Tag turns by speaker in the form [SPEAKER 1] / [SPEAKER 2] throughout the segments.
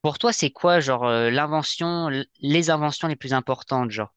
[SPEAKER 1] Pour toi, c'est quoi, genre, l'invention, les inventions les plus importantes, genre?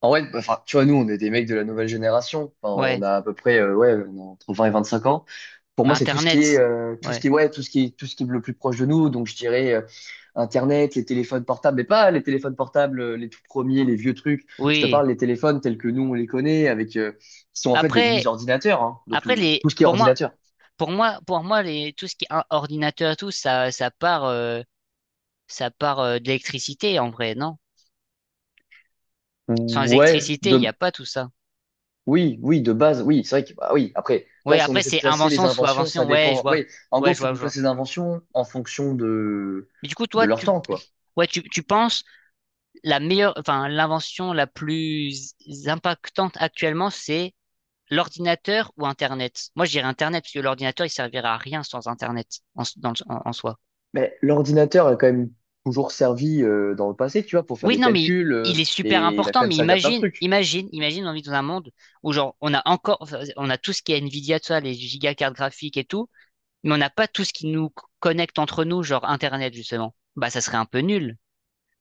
[SPEAKER 2] En vrai, bah, enfin, tu vois, nous, on est des mecs de la nouvelle génération. Enfin,
[SPEAKER 1] Ouais,
[SPEAKER 2] on a à peu près, ouais, on a entre 20 et 25 ans. Pour moi,
[SPEAKER 1] bah,
[SPEAKER 2] c'est
[SPEAKER 1] Internet.
[SPEAKER 2] tout ce
[SPEAKER 1] Ouais.
[SPEAKER 2] qui est, ouais, tout ce qui est le plus proche de nous. Donc, je dirais Internet, les téléphones portables, mais pas les téléphones portables, les tout premiers, les vieux trucs. Je te
[SPEAKER 1] Oui.
[SPEAKER 2] parle des téléphones tels que nous, on les connaît, avec, qui sont en fait des
[SPEAKER 1] Après,
[SPEAKER 2] mini-ordinateurs, hein. Donc,
[SPEAKER 1] après les,
[SPEAKER 2] tout ce qui est
[SPEAKER 1] pour moi,
[SPEAKER 2] ordinateur.
[SPEAKER 1] pour moi, pour moi, les, tout ce qui est ordinateur et tout, ça, ça part, de l'électricité, en vrai, non? Sans
[SPEAKER 2] Ouais.
[SPEAKER 1] électricité, il n'y a pas tout ça.
[SPEAKER 2] Oui, oui, de base, oui, c'est vrai que, bah oui, après, là,
[SPEAKER 1] Oui,
[SPEAKER 2] si on
[SPEAKER 1] après,
[SPEAKER 2] essaie de
[SPEAKER 1] c'est
[SPEAKER 2] classer les
[SPEAKER 1] invention sous
[SPEAKER 2] inventions, ça
[SPEAKER 1] invention. Ouais, je
[SPEAKER 2] dépend.
[SPEAKER 1] vois.
[SPEAKER 2] Oui, en
[SPEAKER 1] Ouais,
[SPEAKER 2] gros,
[SPEAKER 1] je
[SPEAKER 2] faut
[SPEAKER 1] vois,
[SPEAKER 2] qu'on
[SPEAKER 1] je
[SPEAKER 2] classe
[SPEAKER 1] vois.
[SPEAKER 2] les inventions en fonction de,
[SPEAKER 1] Mais du coup,
[SPEAKER 2] de
[SPEAKER 1] toi,
[SPEAKER 2] leur temps, quoi.
[SPEAKER 1] ouais, tu penses la meilleure, enfin, l'invention la plus impactante actuellement, c'est l'ordinateur ou Internet? Moi, je dirais Internet, parce que l'ordinateur, il servira à rien sans Internet en, s- dans le- en- en soi.
[SPEAKER 2] Mais l'ordinateur a quand même toujours servi dans le passé, tu vois, pour faire
[SPEAKER 1] Oui,
[SPEAKER 2] des
[SPEAKER 1] non, mais il,
[SPEAKER 2] calculs,
[SPEAKER 1] il est super
[SPEAKER 2] et il a
[SPEAKER 1] important,
[SPEAKER 2] quand même
[SPEAKER 1] mais
[SPEAKER 2] servi à plein de
[SPEAKER 1] imagine,
[SPEAKER 2] trucs.
[SPEAKER 1] imagine, imagine, on vit dans un monde où, genre, on a encore, enfin, on a tout ce qui est Nvidia, tout ça, les gigacartes graphiques et tout, mais on n'a pas tout ce qui nous connecte entre nous, genre Internet, justement. Bah, ça serait un peu nul.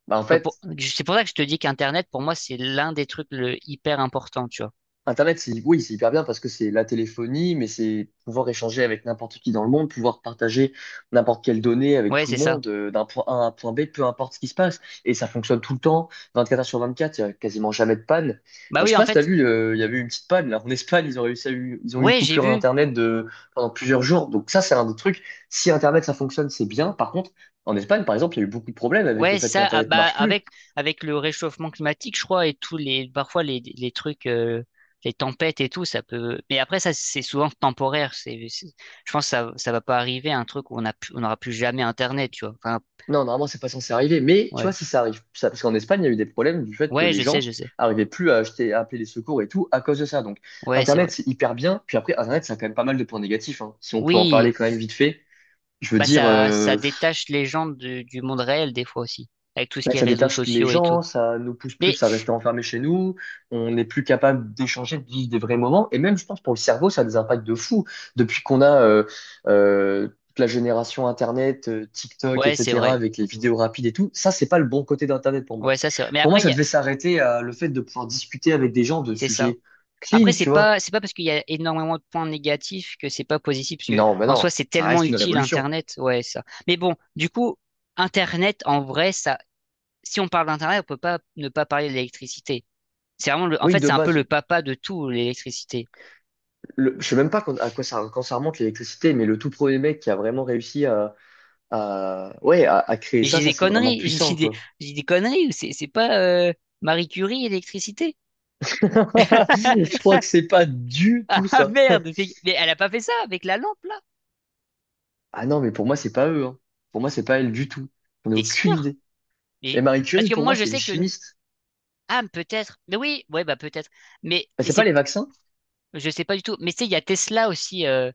[SPEAKER 2] Bah, en
[SPEAKER 1] Donc,
[SPEAKER 2] fait,
[SPEAKER 1] c'est pour ça que je te dis qu'Internet, pour moi, c'est l'un des trucs hyper important, tu vois.
[SPEAKER 2] Internet, c'est, oui, c'est hyper bien parce que c'est la téléphonie, mais c'est pouvoir échanger avec n'importe qui dans le monde, pouvoir partager n'importe quelle donnée avec
[SPEAKER 1] Ouais,
[SPEAKER 2] tout
[SPEAKER 1] c'est
[SPEAKER 2] le
[SPEAKER 1] ça.
[SPEAKER 2] monde, d'un point A à un point B, peu importe ce qui se passe. Et ça fonctionne tout le temps, 24 heures sur 24, il n'y a quasiment jamais de panne.
[SPEAKER 1] Bah
[SPEAKER 2] Bah, je
[SPEAKER 1] oui,
[SPEAKER 2] sais
[SPEAKER 1] en
[SPEAKER 2] pas si t'as
[SPEAKER 1] fait,
[SPEAKER 2] vu, il y avait eu une petite panne, là. En Espagne, ils ont réussi ils ont eu une
[SPEAKER 1] ouais, j'ai
[SPEAKER 2] coupure
[SPEAKER 1] vu.
[SPEAKER 2] d'Internet pendant plusieurs jours. Donc ça, c'est un des trucs. Si Internet, ça fonctionne, c'est bien. Par contre, en Espagne, par exemple, il y a eu beaucoup de problèmes avec le
[SPEAKER 1] Ouais, c'est
[SPEAKER 2] fait
[SPEAKER 1] ça. Ah,
[SPEAKER 2] qu'Internet
[SPEAKER 1] bah,
[SPEAKER 2] marche plus.
[SPEAKER 1] avec le réchauffement climatique, je crois, et tous les, parfois les trucs, les tempêtes et tout, ça peut. Mais après, ça, c'est souvent temporaire. Je pense que ça va pas arriver un truc où on n'aura plus jamais Internet, tu vois. Enfin,
[SPEAKER 2] Non, normalement, c'est pas censé arriver. Mais tu vois,
[SPEAKER 1] ouais.
[SPEAKER 2] si ça arrive, ça, parce qu'en Espagne, il y a eu des problèmes du fait que
[SPEAKER 1] Ouais,
[SPEAKER 2] les
[SPEAKER 1] je sais, je
[SPEAKER 2] gens
[SPEAKER 1] sais.
[SPEAKER 2] arrivaient plus à acheter, à appeler les secours et tout à cause de ça. Donc,
[SPEAKER 1] Ouais, c'est vrai.
[SPEAKER 2] Internet, c'est hyper bien. Puis après, Internet, ça a quand même pas mal de points négatifs, hein. Si on peut en
[SPEAKER 1] Oui.
[SPEAKER 2] parler quand même vite fait, je veux
[SPEAKER 1] Bah,
[SPEAKER 2] dire,
[SPEAKER 1] ça détache les gens du monde réel, des fois aussi. Avec tout ce
[SPEAKER 2] ouais,
[SPEAKER 1] qui est
[SPEAKER 2] ça
[SPEAKER 1] réseaux
[SPEAKER 2] détache les
[SPEAKER 1] sociaux et tout.
[SPEAKER 2] gens, ça nous pousse
[SPEAKER 1] Mais,
[SPEAKER 2] plus à rester enfermés chez nous, on n'est plus capable d'échanger, de vivre des vrais moments. Et même, je pense, pour le cerveau, ça a des impacts de fou. Depuis qu'on a toute la génération Internet, TikTok,
[SPEAKER 1] ouais, c'est
[SPEAKER 2] etc.,
[SPEAKER 1] vrai.
[SPEAKER 2] avec les vidéos rapides et tout, ça, c'est pas le bon côté d'Internet pour moi.
[SPEAKER 1] Ouais, ça, c'est vrai. Mais
[SPEAKER 2] Pour moi,
[SPEAKER 1] après, il y
[SPEAKER 2] ça
[SPEAKER 1] a,
[SPEAKER 2] devait s'arrêter à le fait de pouvoir discuter avec des gens de
[SPEAKER 1] c'est ça.
[SPEAKER 2] sujets
[SPEAKER 1] Après,
[SPEAKER 2] clean,
[SPEAKER 1] c'est
[SPEAKER 2] tu vois.
[SPEAKER 1] pas, c'est pas parce qu'il y a énormément de points négatifs que c'est pas positif, parce que
[SPEAKER 2] Non, mais
[SPEAKER 1] en soi,
[SPEAKER 2] non,
[SPEAKER 1] c'est
[SPEAKER 2] ça
[SPEAKER 1] tellement
[SPEAKER 2] reste une
[SPEAKER 1] utile
[SPEAKER 2] révolution.
[SPEAKER 1] Internet, ouais, ça. Mais bon, du coup, Internet, en vrai, ça, si on parle d'Internet, on peut pas ne pas parler de l'électricité. C'est vraiment en
[SPEAKER 2] Oui,
[SPEAKER 1] fait,
[SPEAKER 2] de
[SPEAKER 1] c'est un peu
[SPEAKER 2] base,
[SPEAKER 1] le papa de tout, l'électricité.
[SPEAKER 2] je sais même pas à quoi ça, quand ça remonte l'électricité, mais le tout premier mec qui a vraiment réussi à ouais, à créer
[SPEAKER 1] Mais
[SPEAKER 2] ça,
[SPEAKER 1] j'ai
[SPEAKER 2] ça
[SPEAKER 1] des
[SPEAKER 2] c'est vraiment
[SPEAKER 1] conneries,
[SPEAKER 2] puissant, quoi.
[SPEAKER 1] j'ai des conneries, ou c'est pas, Marie Curie, l'électricité.
[SPEAKER 2] Je crois que c'est pas du tout
[SPEAKER 1] Ah
[SPEAKER 2] ça.
[SPEAKER 1] merde, mais elle a pas fait ça avec la lampe, là?
[SPEAKER 2] Ah non, mais pour moi, c'est pas eux, hein. Pour moi, c'est pas elle du tout. On n'a
[SPEAKER 1] T'es
[SPEAKER 2] aucune
[SPEAKER 1] sûr?
[SPEAKER 2] idée.
[SPEAKER 1] Mais,
[SPEAKER 2] Mais Marie
[SPEAKER 1] parce
[SPEAKER 2] Curie,
[SPEAKER 1] que
[SPEAKER 2] pour
[SPEAKER 1] moi,
[SPEAKER 2] moi,
[SPEAKER 1] je
[SPEAKER 2] c'est une
[SPEAKER 1] sais que,
[SPEAKER 2] chimiste.
[SPEAKER 1] ah, peut-être, mais oui, ouais, bah, peut-être. Mais
[SPEAKER 2] Bah, c'est pas
[SPEAKER 1] c'est
[SPEAKER 2] les vaccins?
[SPEAKER 1] Je sais pas du tout. Mais tu sais, il y a Tesla aussi,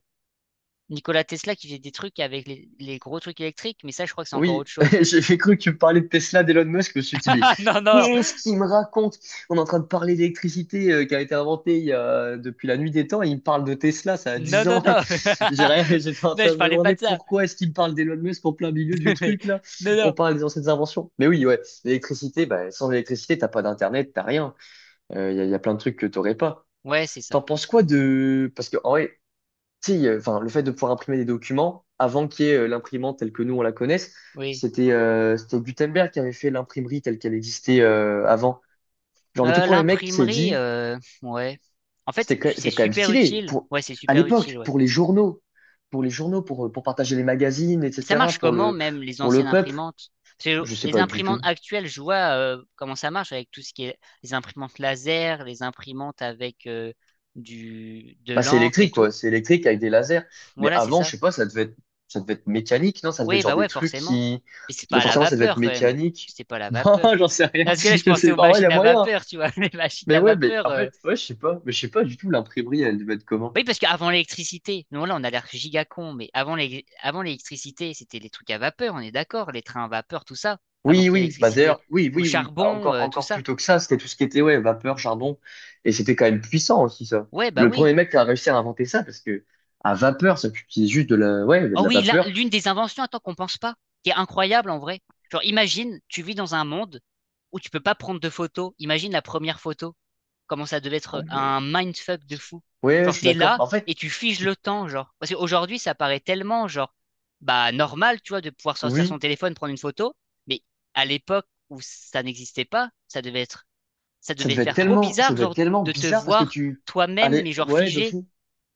[SPEAKER 1] Nikola Tesla qui faisait des trucs avec les gros trucs électriques, mais ça, je crois que c'est encore
[SPEAKER 2] Oui,
[SPEAKER 1] autre chose.
[SPEAKER 2] j'ai cru que tu me parlais de Tesla, d'Elon Musk. Je me suis dit, mais
[SPEAKER 1] Non, non,
[SPEAKER 2] qu'est-ce qu'il me raconte? On est en train de parler d'électricité qui a été inventée depuis la nuit des temps et il me parle de Tesla, ça a
[SPEAKER 1] non,
[SPEAKER 2] 10
[SPEAKER 1] non,
[SPEAKER 2] ans.
[SPEAKER 1] non.
[SPEAKER 2] J'ai rien- J'étais en
[SPEAKER 1] Non,
[SPEAKER 2] train
[SPEAKER 1] je
[SPEAKER 2] de me
[SPEAKER 1] parlais pas
[SPEAKER 2] demander
[SPEAKER 1] de ça.
[SPEAKER 2] pourquoi est-ce qu'il me parle d'Elon Musk en plein milieu du
[SPEAKER 1] Mais-
[SPEAKER 2] truc là.
[SPEAKER 1] Non,
[SPEAKER 2] On
[SPEAKER 1] non.
[SPEAKER 2] parle des anciennes inventions. Mais oui, ouais, l'électricité, bah, sans l'électricité, t'as pas d'internet, t'as rien. Il y a plein de trucs que t'aurais pas.
[SPEAKER 1] Ouais, c'est ça.
[SPEAKER 2] T'en penses quoi de. Parce que en vrai, si, sais, enfin, le fait de pouvoir imprimer des documents avant qu'il y ait l'imprimante telle que nous on la connaisse,
[SPEAKER 1] Oui.
[SPEAKER 2] c'était Gutenberg qui avait fait l'imprimerie telle qu'elle existait avant. Genre le tout
[SPEAKER 1] Euh,
[SPEAKER 2] premier mec qui s'est
[SPEAKER 1] l'imprimerie,
[SPEAKER 2] dit,
[SPEAKER 1] ouais. En fait, c'est
[SPEAKER 2] c'est quand même
[SPEAKER 1] super
[SPEAKER 2] stylé
[SPEAKER 1] utile.
[SPEAKER 2] pour
[SPEAKER 1] Ouais, c'est
[SPEAKER 2] à
[SPEAKER 1] super utile,
[SPEAKER 2] l'époque
[SPEAKER 1] ouais.
[SPEAKER 2] pour les journaux, pour partager les magazines,
[SPEAKER 1] Mais ça
[SPEAKER 2] etc.
[SPEAKER 1] marche
[SPEAKER 2] pour
[SPEAKER 1] comment
[SPEAKER 2] le
[SPEAKER 1] même les
[SPEAKER 2] pour
[SPEAKER 1] anciennes
[SPEAKER 2] le peuple.
[SPEAKER 1] imprimantes? Parce que
[SPEAKER 2] Je sais
[SPEAKER 1] les
[SPEAKER 2] pas du
[SPEAKER 1] imprimantes
[SPEAKER 2] tout.
[SPEAKER 1] actuelles, je vois comment ça marche avec tout ce qui est les imprimantes laser, les imprimantes avec du de
[SPEAKER 2] Bah, c'est
[SPEAKER 1] l'encre et
[SPEAKER 2] électrique, quoi.
[SPEAKER 1] tout.
[SPEAKER 2] C'est électrique avec des lasers. Mais
[SPEAKER 1] Voilà, c'est
[SPEAKER 2] avant, je
[SPEAKER 1] ça.
[SPEAKER 2] sais pas, ça devait être mécanique, non? Ça devait
[SPEAKER 1] Oui,
[SPEAKER 2] être genre
[SPEAKER 1] bah
[SPEAKER 2] des
[SPEAKER 1] ouais,
[SPEAKER 2] trucs
[SPEAKER 1] forcément.
[SPEAKER 2] qui.
[SPEAKER 1] Mais c'est pas
[SPEAKER 2] Bah,
[SPEAKER 1] à la
[SPEAKER 2] forcément, ça devait être
[SPEAKER 1] vapeur quand même.
[SPEAKER 2] mécanique.
[SPEAKER 1] C'était pas à la
[SPEAKER 2] Non,
[SPEAKER 1] vapeur.
[SPEAKER 2] j'en sais rien.
[SPEAKER 1] Non, parce que là, je
[SPEAKER 2] Je
[SPEAKER 1] pensais
[SPEAKER 2] sais
[SPEAKER 1] aux
[SPEAKER 2] pas. Ouais, il y
[SPEAKER 1] machines
[SPEAKER 2] a
[SPEAKER 1] à
[SPEAKER 2] moyen, hein.
[SPEAKER 1] vapeur, tu vois. Les machines
[SPEAKER 2] Mais
[SPEAKER 1] à
[SPEAKER 2] ouais, mais
[SPEAKER 1] vapeur.
[SPEAKER 2] en fait, ouais, je sais pas. Mais je sais pas du tout, l'imprimerie, elle devait être comment?
[SPEAKER 1] Oui, parce qu'avant l'électricité, nous là on a l'air giga con, mais avant l'électricité, c'était les trucs à vapeur, on est d'accord, les trains à vapeur, tout ça, avant
[SPEAKER 2] Oui,
[SPEAKER 1] qu'il y ait
[SPEAKER 2] oui. Bah,
[SPEAKER 1] l'électricité.
[SPEAKER 2] d'ailleurs, oui,
[SPEAKER 1] Ou le
[SPEAKER 2] oui, oui.
[SPEAKER 1] charbon,
[SPEAKER 2] Encore,
[SPEAKER 1] tout
[SPEAKER 2] encore
[SPEAKER 1] ça.
[SPEAKER 2] plus tôt que ça, c'était tout ce qui était, ouais, vapeur, charbon. Et c'était quand même puissant aussi, ça.
[SPEAKER 1] Ouais, bah
[SPEAKER 2] Le
[SPEAKER 1] oui.
[SPEAKER 2] premier mec qui a réussi à inventer ça, parce que à vapeur, ça utilisait juste ouais, de
[SPEAKER 1] Oh
[SPEAKER 2] la
[SPEAKER 1] oui, là,
[SPEAKER 2] vapeur.
[SPEAKER 1] l'une des inventions, attends, qu'on pense pas, qui est incroyable en vrai. Genre, imagine, tu vis dans un monde où tu peux pas prendre de photos. Imagine la première photo. Comment ça devait
[SPEAKER 2] Ah
[SPEAKER 1] être
[SPEAKER 2] ouais.
[SPEAKER 1] un mindfuck de fou.
[SPEAKER 2] Ouais,
[SPEAKER 1] Genre,
[SPEAKER 2] je suis
[SPEAKER 1] t'es
[SPEAKER 2] d'accord.
[SPEAKER 1] là
[SPEAKER 2] En fait,
[SPEAKER 1] et tu figes
[SPEAKER 2] tu-
[SPEAKER 1] le temps, genre. Parce qu'aujourd'hui, ça paraît tellement, genre, bah, normal, tu vois, de pouvoir sortir
[SPEAKER 2] oui.
[SPEAKER 1] son téléphone, prendre une photo. Mais à l'époque où ça n'existait pas, ça devait être, ça
[SPEAKER 2] Ça
[SPEAKER 1] devait
[SPEAKER 2] devait être
[SPEAKER 1] faire trop
[SPEAKER 2] tellement, ça
[SPEAKER 1] bizarre,
[SPEAKER 2] devait être
[SPEAKER 1] genre,
[SPEAKER 2] tellement
[SPEAKER 1] de te
[SPEAKER 2] bizarre parce que
[SPEAKER 1] voir
[SPEAKER 2] tu
[SPEAKER 1] toi-même, mais
[SPEAKER 2] allez,
[SPEAKER 1] genre
[SPEAKER 2] ouais, de
[SPEAKER 1] figé.
[SPEAKER 2] fou.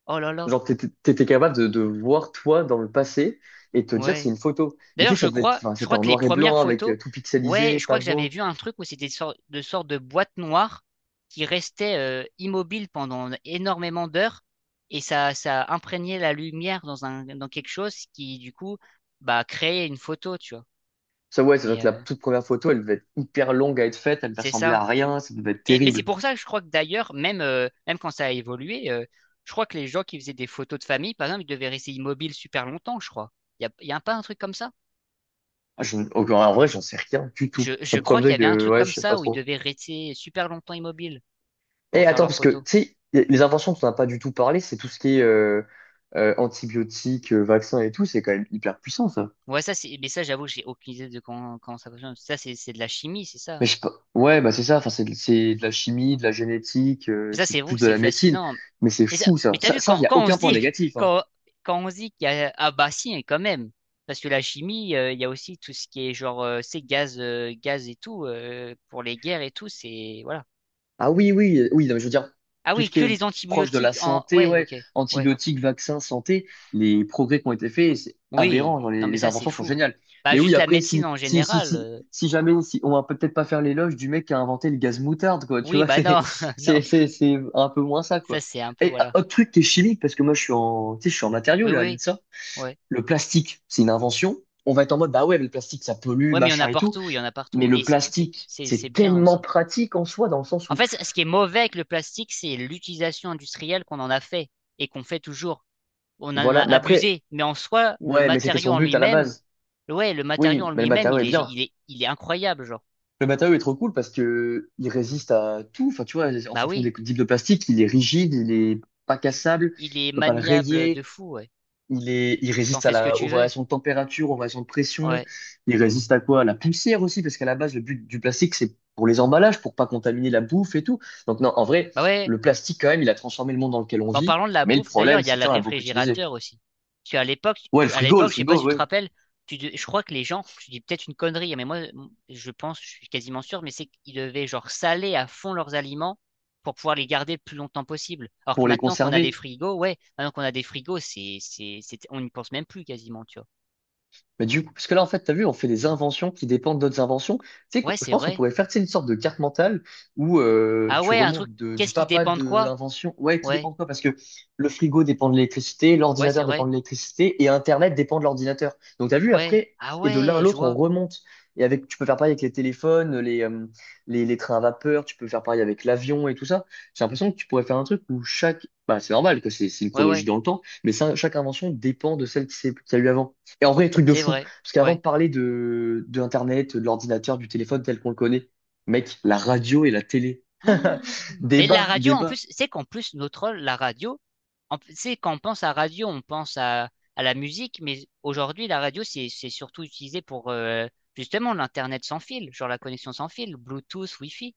[SPEAKER 1] Oh là là,
[SPEAKER 2] Genre, t'étais capable de voir toi dans le passé et te dire c'est
[SPEAKER 1] ouais.
[SPEAKER 2] une photo. Mais tu
[SPEAKER 1] D'ailleurs,
[SPEAKER 2] sais,
[SPEAKER 1] je
[SPEAKER 2] ça devait être,
[SPEAKER 1] crois,
[SPEAKER 2] enfin,
[SPEAKER 1] je
[SPEAKER 2] c'était
[SPEAKER 1] crois
[SPEAKER 2] en
[SPEAKER 1] que les
[SPEAKER 2] noir et
[SPEAKER 1] premières
[SPEAKER 2] blanc hein, avec
[SPEAKER 1] photos,
[SPEAKER 2] tout
[SPEAKER 1] ouais,
[SPEAKER 2] pixelisé,
[SPEAKER 1] je
[SPEAKER 2] pas
[SPEAKER 1] crois que j'avais
[SPEAKER 2] beau.
[SPEAKER 1] vu un truc où c'était de sortes de boîtes noires qui restaient immobiles pendant énormément d'heures et ça imprégnait la lumière dans un, dans quelque chose qui, du coup, bah, créait une photo, tu vois.
[SPEAKER 2] Ça, ouais, c'est vrai que
[SPEAKER 1] Mais
[SPEAKER 2] la
[SPEAKER 1] euh,
[SPEAKER 2] toute première photo, elle devait être hyper longue à être faite, elle ne
[SPEAKER 1] c'est
[SPEAKER 2] ressemblait
[SPEAKER 1] ça.
[SPEAKER 2] à rien, ça devait être
[SPEAKER 1] Et mais c'est
[SPEAKER 2] terrible.
[SPEAKER 1] pour ça que je crois que d'ailleurs, même quand ça a évolué, je crois que les gens qui faisaient des photos de famille, par exemple, ils devaient rester immobiles super longtemps, je crois. Il y a, y a pas un truc comme ça?
[SPEAKER 2] Ah, en vrai, j'en sais rien du tout.
[SPEAKER 1] Je
[SPEAKER 2] Le
[SPEAKER 1] crois qu'il y
[SPEAKER 2] problème, c'est
[SPEAKER 1] avait un
[SPEAKER 2] que,
[SPEAKER 1] truc
[SPEAKER 2] ouais,
[SPEAKER 1] comme
[SPEAKER 2] je sais pas
[SPEAKER 1] ça où ils
[SPEAKER 2] trop.
[SPEAKER 1] devaient rester super longtemps immobiles pour
[SPEAKER 2] Et
[SPEAKER 1] faire
[SPEAKER 2] attends,
[SPEAKER 1] leurs
[SPEAKER 2] parce que, tu
[SPEAKER 1] photos.
[SPEAKER 2] sais, les inventions dont on n'a pas du tout parlé, c'est tout ce qui est antibiotiques, vaccins et tout, c'est quand même hyper puissant.
[SPEAKER 1] Ouais, ça, c'est, mais ça, j'avoue, j'ai aucune idée de comment ça fonctionne. Ça, c'est de la chimie, c'est ça.
[SPEAKER 2] Mais je, pe- ouais, bah c'est ça. Enfin, c'est de la chimie, de la génétique,
[SPEAKER 1] Ça, c'est
[SPEAKER 2] c'est
[SPEAKER 1] vous,
[SPEAKER 2] plus de
[SPEAKER 1] c'est
[SPEAKER 2] la médecine.
[SPEAKER 1] fascinant.
[SPEAKER 2] Mais c'est
[SPEAKER 1] Mais ça,
[SPEAKER 2] fou
[SPEAKER 1] mais
[SPEAKER 2] ça.
[SPEAKER 1] t'as
[SPEAKER 2] Ça,
[SPEAKER 1] vu,
[SPEAKER 2] ça, il
[SPEAKER 1] quand,
[SPEAKER 2] y a
[SPEAKER 1] quand on se
[SPEAKER 2] aucun point
[SPEAKER 1] dit,
[SPEAKER 2] négatif, hein.
[SPEAKER 1] quand on se dit qu'il y a, ah bah si, hein, quand même. Parce que la chimie, il y a aussi tout ce qui est genre, c'est gaz et tout, pour les guerres et tout, c'est, voilà.
[SPEAKER 2] Ah oui, oui, oui, non, mais je veux dire,
[SPEAKER 1] Ah
[SPEAKER 2] tout
[SPEAKER 1] oui,
[SPEAKER 2] ce qui
[SPEAKER 1] que
[SPEAKER 2] est
[SPEAKER 1] les
[SPEAKER 2] proche de la
[SPEAKER 1] antibiotiques en,
[SPEAKER 2] santé,
[SPEAKER 1] ouais,
[SPEAKER 2] ouais,
[SPEAKER 1] ok, ouais.
[SPEAKER 2] antibiotiques, vaccins, santé, les progrès qui ont été faits, c'est
[SPEAKER 1] Oui,
[SPEAKER 2] aberrant. Genre,
[SPEAKER 1] non,
[SPEAKER 2] les,
[SPEAKER 1] mais
[SPEAKER 2] les
[SPEAKER 1] ça, c'est
[SPEAKER 2] inventions sont
[SPEAKER 1] fou.
[SPEAKER 2] géniales.
[SPEAKER 1] Bah,
[SPEAKER 2] Mais oui,
[SPEAKER 1] juste la
[SPEAKER 2] après,
[SPEAKER 1] médecine
[SPEAKER 2] si,
[SPEAKER 1] en
[SPEAKER 2] si, si,
[SPEAKER 1] général.
[SPEAKER 2] si, si jamais, si, on va peut-être pas faire l'éloge du mec qui a inventé le gaz moutarde, quoi. Tu
[SPEAKER 1] Oui,
[SPEAKER 2] vois,
[SPEAKER 1] bah
[SPEAKER 2] c'est,
[SPEAKER 1] non, non,
[SPEAKER 2] c'est, c'est, c'est un peu moins ça,
[SPEAKER 1] ça
[SPEAKER 2] quoi.
[SPEAKER 1] c'est un peu,
[SPEAKER 2] Et ah,
[SPEAKER 1] voilà.
[SPEAKER 2] autre truc qui est chimique, parce que moi, tu sais, je suis en matériaux
[SPEAKER 1] Oui, oui,
[SPEAKER 2] là, à
[SPEAKER 1] oui,
[SPEAKER 2] l'INSA.
[SPEAKER 1] ouais.
[SPEAKER 2] Le plastique, c'est une invention. On va être en mode, bah ouais, mais le plastique, ça pollue,
[SPEAKER 1] Ouais, mais il y en
[SPEAKER 2] machin
[SPEAKER 1] a
[SPEAKER 2] et tout.
[SPEAKER 1] partout, il y en a
[SPEAKER 2] Mais
[SPEAKER 1] partout,
[SPEAKER 2] le
[SPEAKER 1] et c'est c'est-
[SPEAKER 2] plastique,
[SPEAKER 1] c'est- c'est
[SPEAKER 2] c'est
[SPEAKER 1] bien
[SPEAKER 2] tellement
[SPEAKER 1] aussi.
[SPEAKER 2] pratique en soi, dans le sens
[SPEAKER 1] En
[SPEAKER 2] où,
[SPEAKER 1] fait, ce qui est mauvais avec le plastique, c'est l'utilisation industrielle qu'on en a fait, et qu'on fait toujours. On en a
[SPEAKER 2] voilà. Mais après,
[SPEAKER 1] abusé, mais en soi, le
[SPEAKER 2] ouais, mais c'était
[SPEAKER 1] matériau
[SPEAKER 2] son
[SPEAKER 1] en
[SPEAKER 2] but à la
[SPEAKER 1] lui-même,
[SPEAKER 2] base.
[SPEAKER 1] ouais, le matériau en
[SPEAKER 2] Oui, mais le
[SPEAKER 1] lui-même,
[SPEAKER 2] matériau
[SPEAKER 1] il
[SPEAKER 2] est
[SPEAKER 1] est,
[SPEAKER 2] bien.
[SPEAKER 1] il est, il est incroyable, genre.
[SPEAKER 2] Le matériau est trop cool parce que il résiste à tout. Enfin, tu vois, en
[SPEAKER 1] Bah
[SPEAKER 2] fonction
[SPEAKER 1] oui,
[SPEAKER 2] des types de plastique, il est rigide, il est pas
[SPEAKER 1] tu-
[SPEAKER 2] cassable,
[SPEAKER 1] il
[SPEAKER 2] tu
[SPEAKER 1] est
[SPEAKER 2] peux pas le
[SPEAKER 1] maniable de
[SPEAKER 2] rayer.
[SPEAKER 1] fou, ouais.
[SPEAKER 2] Il
[SPEAKER 1] T'en
[SPEAKER 2] résiste
[SPEAKER 1] fais ce que
[SPEAKER 2] aux
[SPEAKER 1] tu veux,
[SPEAKER 2] variations de température, aux variations de pression.
[SPEAKER 1] ouais.
[SPEAKER 2] Il résiste à quoi? À la poussière aussi, parce qu'à la base, le but du plastique, c'est pour les emballages, pour pas contaminer la bouffe et tout. Donc non, en vrai,
[SPEAKER 1] Bah ouais.
[SPEAKER 2] le plastique, quand même, il a transformé le monde dans lequel on
[SPEAKER 1] Mais en
[SPEAKER 2] vit.
[SPEAKER 1] parlant de la
[SPEAKER 2] Mais le
[SPEAKER 1] bouffe, d'ailleurs,
[SPEAKER 2] problème,
[SPEAKER 1] il y a
[SPEAKER 2] c'est que
[SPEAKER 1] le
[SPEAKER 2] là, on l'a beaucoup utilisé.
[SPEAKER 1] réfrigérateur aussi. Parce qu'à l'époque,
[SPEAKER 2] Ouais, le
[SPEAKER 1] à
[SPEAKER 2] frigo, le
[SPEAKER 1] l'époque, je sais pas si
[SPEAKER 2] frigo,
[SPEAKER 1] tu te
[SPEAKER 2] ouais,
[SPEAKER 1] rappelles, je crois que les gens, je dis peut-être une connerie, mais moi, je pense, je suis quasiment sûr, mais c'est qu'ils devaient genre saler à fond leurs aliments pour pouvoir les garder le plus longtemps possible. Alors que
[SPEAKER 2] pour les
[SPEAKER 1] maintenant qu'on a des
[SPEAKER 2] conserver.
[SPEAKER 1] frigos, ouais, maintenant qu'on a des frigos, on n'y pense même plus quasiment, tu vois.
[SPEAKER 2] Mais du coup, parce que là, en fait, t'as vu, on fait des inventions qui dépendent d'autres inventions. Tu sais,
[SPEAKER 1] Ouais,
[SPEAKER 2] je
[SPEAKER 1] c'est
[SPEAKER 2] pense qu'on
[SPEAKER 1] vrai.
[SPEAKER 2] pourrait faire, tu sais, une sorte de carte mentale où
[SPEAKER 1] Ah
[SPEAKER 2] tu
[SPEAKER 1] ouais, un truc,
[SPEAKER 2] remontes du
[SPEAKER 1] qu'est-ce qui
[SPEAKER 2] papa
[SPEAKER 1] dépend de
[SPEAKER 2] de
[SPEAKER 1] quoi?
[SPEAKER 2] l'invention. Ouais, qui
[SPEAKER 1] Ouais,
[SPEAKER 2] dépend de quoi? Parce que le frigo dépend de l'électricité,
[SPEAKER 1] ouais, c'est
[SPEAKER 2] l'ordinateur dépend
[SPEAKER 1] vrai.
[SPEAKER 2] de l'électricité et Internet dépend de l'ordinateur. Donc, t'as vu,
[SPEAKER 1] Ouais.
[SPEAKER 2] après,
[SPEAKER 1] Ah
[SPEAKER 2] et de l'un à
[SPEAKER 1] ouais, je
[SPEAKER 2] l'autre, on
[SPEAKER 1] vois.
[SPEAKER 2] remonte. Et avec, tu peux faire pareil avec les téléphones, les trains à vapeur, tu peux faire pareil avec l'avion et tout ça. J'ai l'impression que tu pourrais faire un truc où chaque, bah, c'est normal que c'est une
[SPEAKER 1] Ouais,
[SPEAKER 2] chronologie
[SPEAKER 1] ouais,
[SPEAKER 2] dans le temps, mais ça, chaque invention dépend de celle qui qu'il y a eu avant. Et en vrai, truc de
[SPEAKER 1] c'est
[SPEAKER 2] fou.
[SPEAKER 1] vrai.
[SPEAKER 2] Parce qu'avant
[SPEAKER 1] Ouais.
[SPEAKER 2] de parler de, Internet, de l'ordinateur, du téléphone tel qu'on le connaît, mec, la radio et la télé.
[SPEAKER 1] Mais la
[SPEAKER 2] Débat,
[SPEAKER 1] radio, en
[SPEAKER 2] débat.
[SPEAKER 1] plus, c'est qu'en plus, notre rôle, la radio, en plus, c'est quand on pense à radio, on pense à la musique, mais aujourd'hui, la radio, c'est surtout utilisé pour justement l'Internet sans fil, genre la connexion sans fil, Bluetooth, Wi-Fi.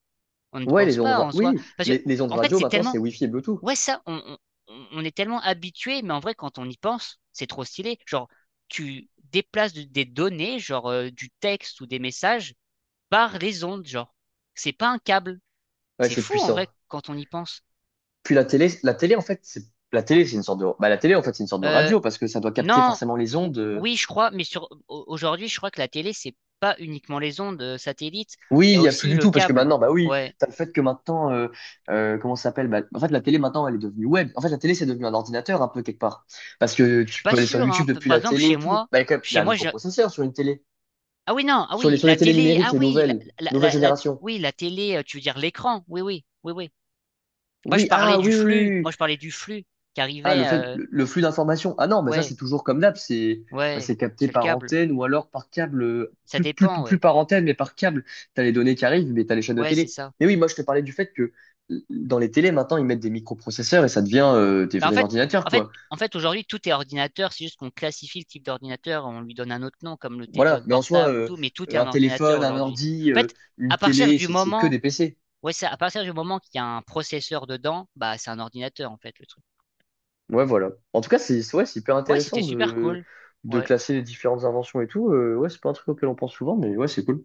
[SPEAKER 1] On ne
[SPEAKER 2] Ouais,
[SPEAKER 1] pense
[SPEAKER 2] les ondes,
[SPEAKER 1] pas en soi.
[SPEAKER 2] oui,
[SPEAKER 1] Parce que,
[SPEAKER 2] les ondes
[SPEAKER 1] en fait,
[SPEAKER 2] radio,
[SPEAKER 1] c'est
[SPEAKER 2] maintenant, c'est
[SPEAKER 1] tellement.
[SPEAKER 2] Wi-Fi et Bluetooth.
[SPEAKER 1] Ouais, ça, on est tellement habitué, mais en vrai, quand on y pense, c'est trop stylé. Genre, tu déplaces des données, genre du texte ou des messages, par les ondes, genre. C'est pas un câble.
[SPEAKER 2] Ouais,
[SPEAKER 1] C'est
[SPEAKER 2] c'est
[SPEAKER 1] fou, en
[SPEAKER 2] puissant.
[SPEAKER 1] vrai, quand on y pense.
[SPEAKER 2] Puis la télé, en fait, c'est, la télé, c'est une sorte de, bah, la télé, en fait, c'est une sorte de
[SPEAKER 1] Euh,
[SPEAKER 2] radio parce que ça doit capter
[SPEAKER 1] Non,
[SPEAKER 2] forcément les ondes,
[SPEAKER 1] oui, je crois, mais sur aujourd'hui, je crois que la télé, c'est pas uniquement les ondes satellites, il
[SPEAKER 2] oui,
[SPEAKER 1] y a
[SPEAKER 2] il y a plus
[SPEAKER 1] aussi
[SPEAKER 2] du
[SPEAKER 1] le
[SPEAKER 2] tout parce que
[SPEAKER 1] câble.
[SPEAKER 2] maintenant, bah oui,
[SPEAKER 1] Ouais,
[SPEAKER 2] t'as le fait que maintenant, comment ça s'appelle? Bah, en fait, la télé maintenant, elle est devenue web. En fait, la télé, c'est devenu un ordinateur un peu quelque part parce que
[SPEAKER 1] je suis
[SPEAKER 2] tu
[SPEAKER 1] pas
[SPEAKER 2] peux aller sur
[SPEAKER 1] sûr, hein.
[SPEAKER 2] YouTube depuis
[SPEAKER 1] Par
[SPEAKER 2] la
[SPEAKER 1] exemple,
[SPEAKER 2] télé
[SPEAKER 1] chez
[SPEAKER 2] et tout.
[SPEAKER 1] moi,
[SPEAKER 2] Bah, il y a quand même, il y
[SPEAKER 1] chez
[SPEAKER 2] a un
[SPEAKER 1] moi, j'ai...
[SPEAKER 2] microprocesseur sur une télé,
[SPEAKER 1] Ah oui, non, ah
[SPEAKER 2] sur les
[SPEAKER 1] oui,
[SPEAKER 2] sur
[SPEAKER 1] la
[SPEAKER 2] les télés
[SPEAKER 1] télé,
[SPEAKER 2] numériques,
[SPEAKER 1] ah oui, la,
[SPEAKER 2] nouvelle
[SPEAKER 1] la, la-
[SPEAKER 2] génération.
[SPEAKER 1] oui, la télé, tu veux dire l'écran, oui, oui, oui, oui. Moi, je
[SPEAKER 2] Oui,
[SPEAKER 1] parlais
[SPEAKER 2] ah
[SPEAKER 1] du
[SPEAKER 2] oui, oui,
[SPEAKER 1] flux,
[SPEAKER 2] oui, oui.
[SPEAKER 1] qui
[SPEAKER 2] Ah, le
[SPEAKER 1] arrivait,
[SPEAKER 2] fait, le flux d'informations. Ah non, mais ça,
[SPEAKER 1] ouais,
[SPEAKER 2] c'est toujours comme d'hab, c'est bah,
[SPEAKER 1] ouais,
[SPEAKER 2] c'est capté
[SPEAKER 1] c'est le
[SPEAKER 2] par
[SPEAKER 1] câble,
[SPEAKER 2] antenne ou alors par câble,
[SPEAKER 1] ça
[SPEAKER 2] plus, plus,
[SPEAKER 1] dépend,
[SPEAKER 2] plus
[SPEAKER 1] ouais,
[SPEAKER 2] par antenne, mais par câble. T'as les données qui arrivent, mais t'as les chaînes de
[SPEAKER 1] ouais, c'est
[SPEAKER 2] télé.
[SPEAKER 1] ça.
[SPEAKER 2] Mais oui, moi, je te parlais du fait que dans les télés, maintenant, ils mettent des microprocesseurs et ça devient des
[SPEAKER 1] Bah,
[SPEAKER 2] vrais
[SPEAKER 1] en
[SPEAKER 2] ordinateurs,
[SPEAKER 1] fait,
[SPEAKER 2] quoi.
[SPEAKER 1] en fait, aujourd'hui, tout est ordinateur. C'est juste qu'on classifie le type d'ordinateur, on lui donne un autre nom, comme le
[SPEAKER 2] Voilà,
[SPEAKER 1] téléphone
[SPEAKER 2] mais en soi,
[SPEAKER 1] portable ou tout, mais tout est un
[SPEAKER 2] un
[SPEAKER 1] ordinateur
[SPEAKER 2] téléphone, un
[SPEAKER 1] aujourd'hui.
[SPEAKER 2] ordi,
[SPEAKER 1] En fait, à
[SPEAKER 2] une
[SPEAKER 1] partir
[SPEAKER 2] télé,
[SPEAKER 1] du
[SPEAKER 2] c'est que
[SPEAKER 1] moment,
[SPEAKER 2] des PC.
[SPEAKER 1] ouais, c'est à partir du moment qu'il y a un processeur dedans, bah, c'est un ordinateur, en fait, le truc.
[SPEAKER 2] Ouais, voilà. En tout cas, c'est ouais, c'est hyper
[SPEAKER 1] Ouais, c'était
[SPEAKER 2] intéressant
[SPEAKER 1] super
[SPEAKER 2] de,
[SPEAKER 1] cool. Ouais.
[SPEAKER 2] classer les différentes inventions et tout. Ouais, c'est pas un truc auquel on pense souvent, mais ouais, c'est cool.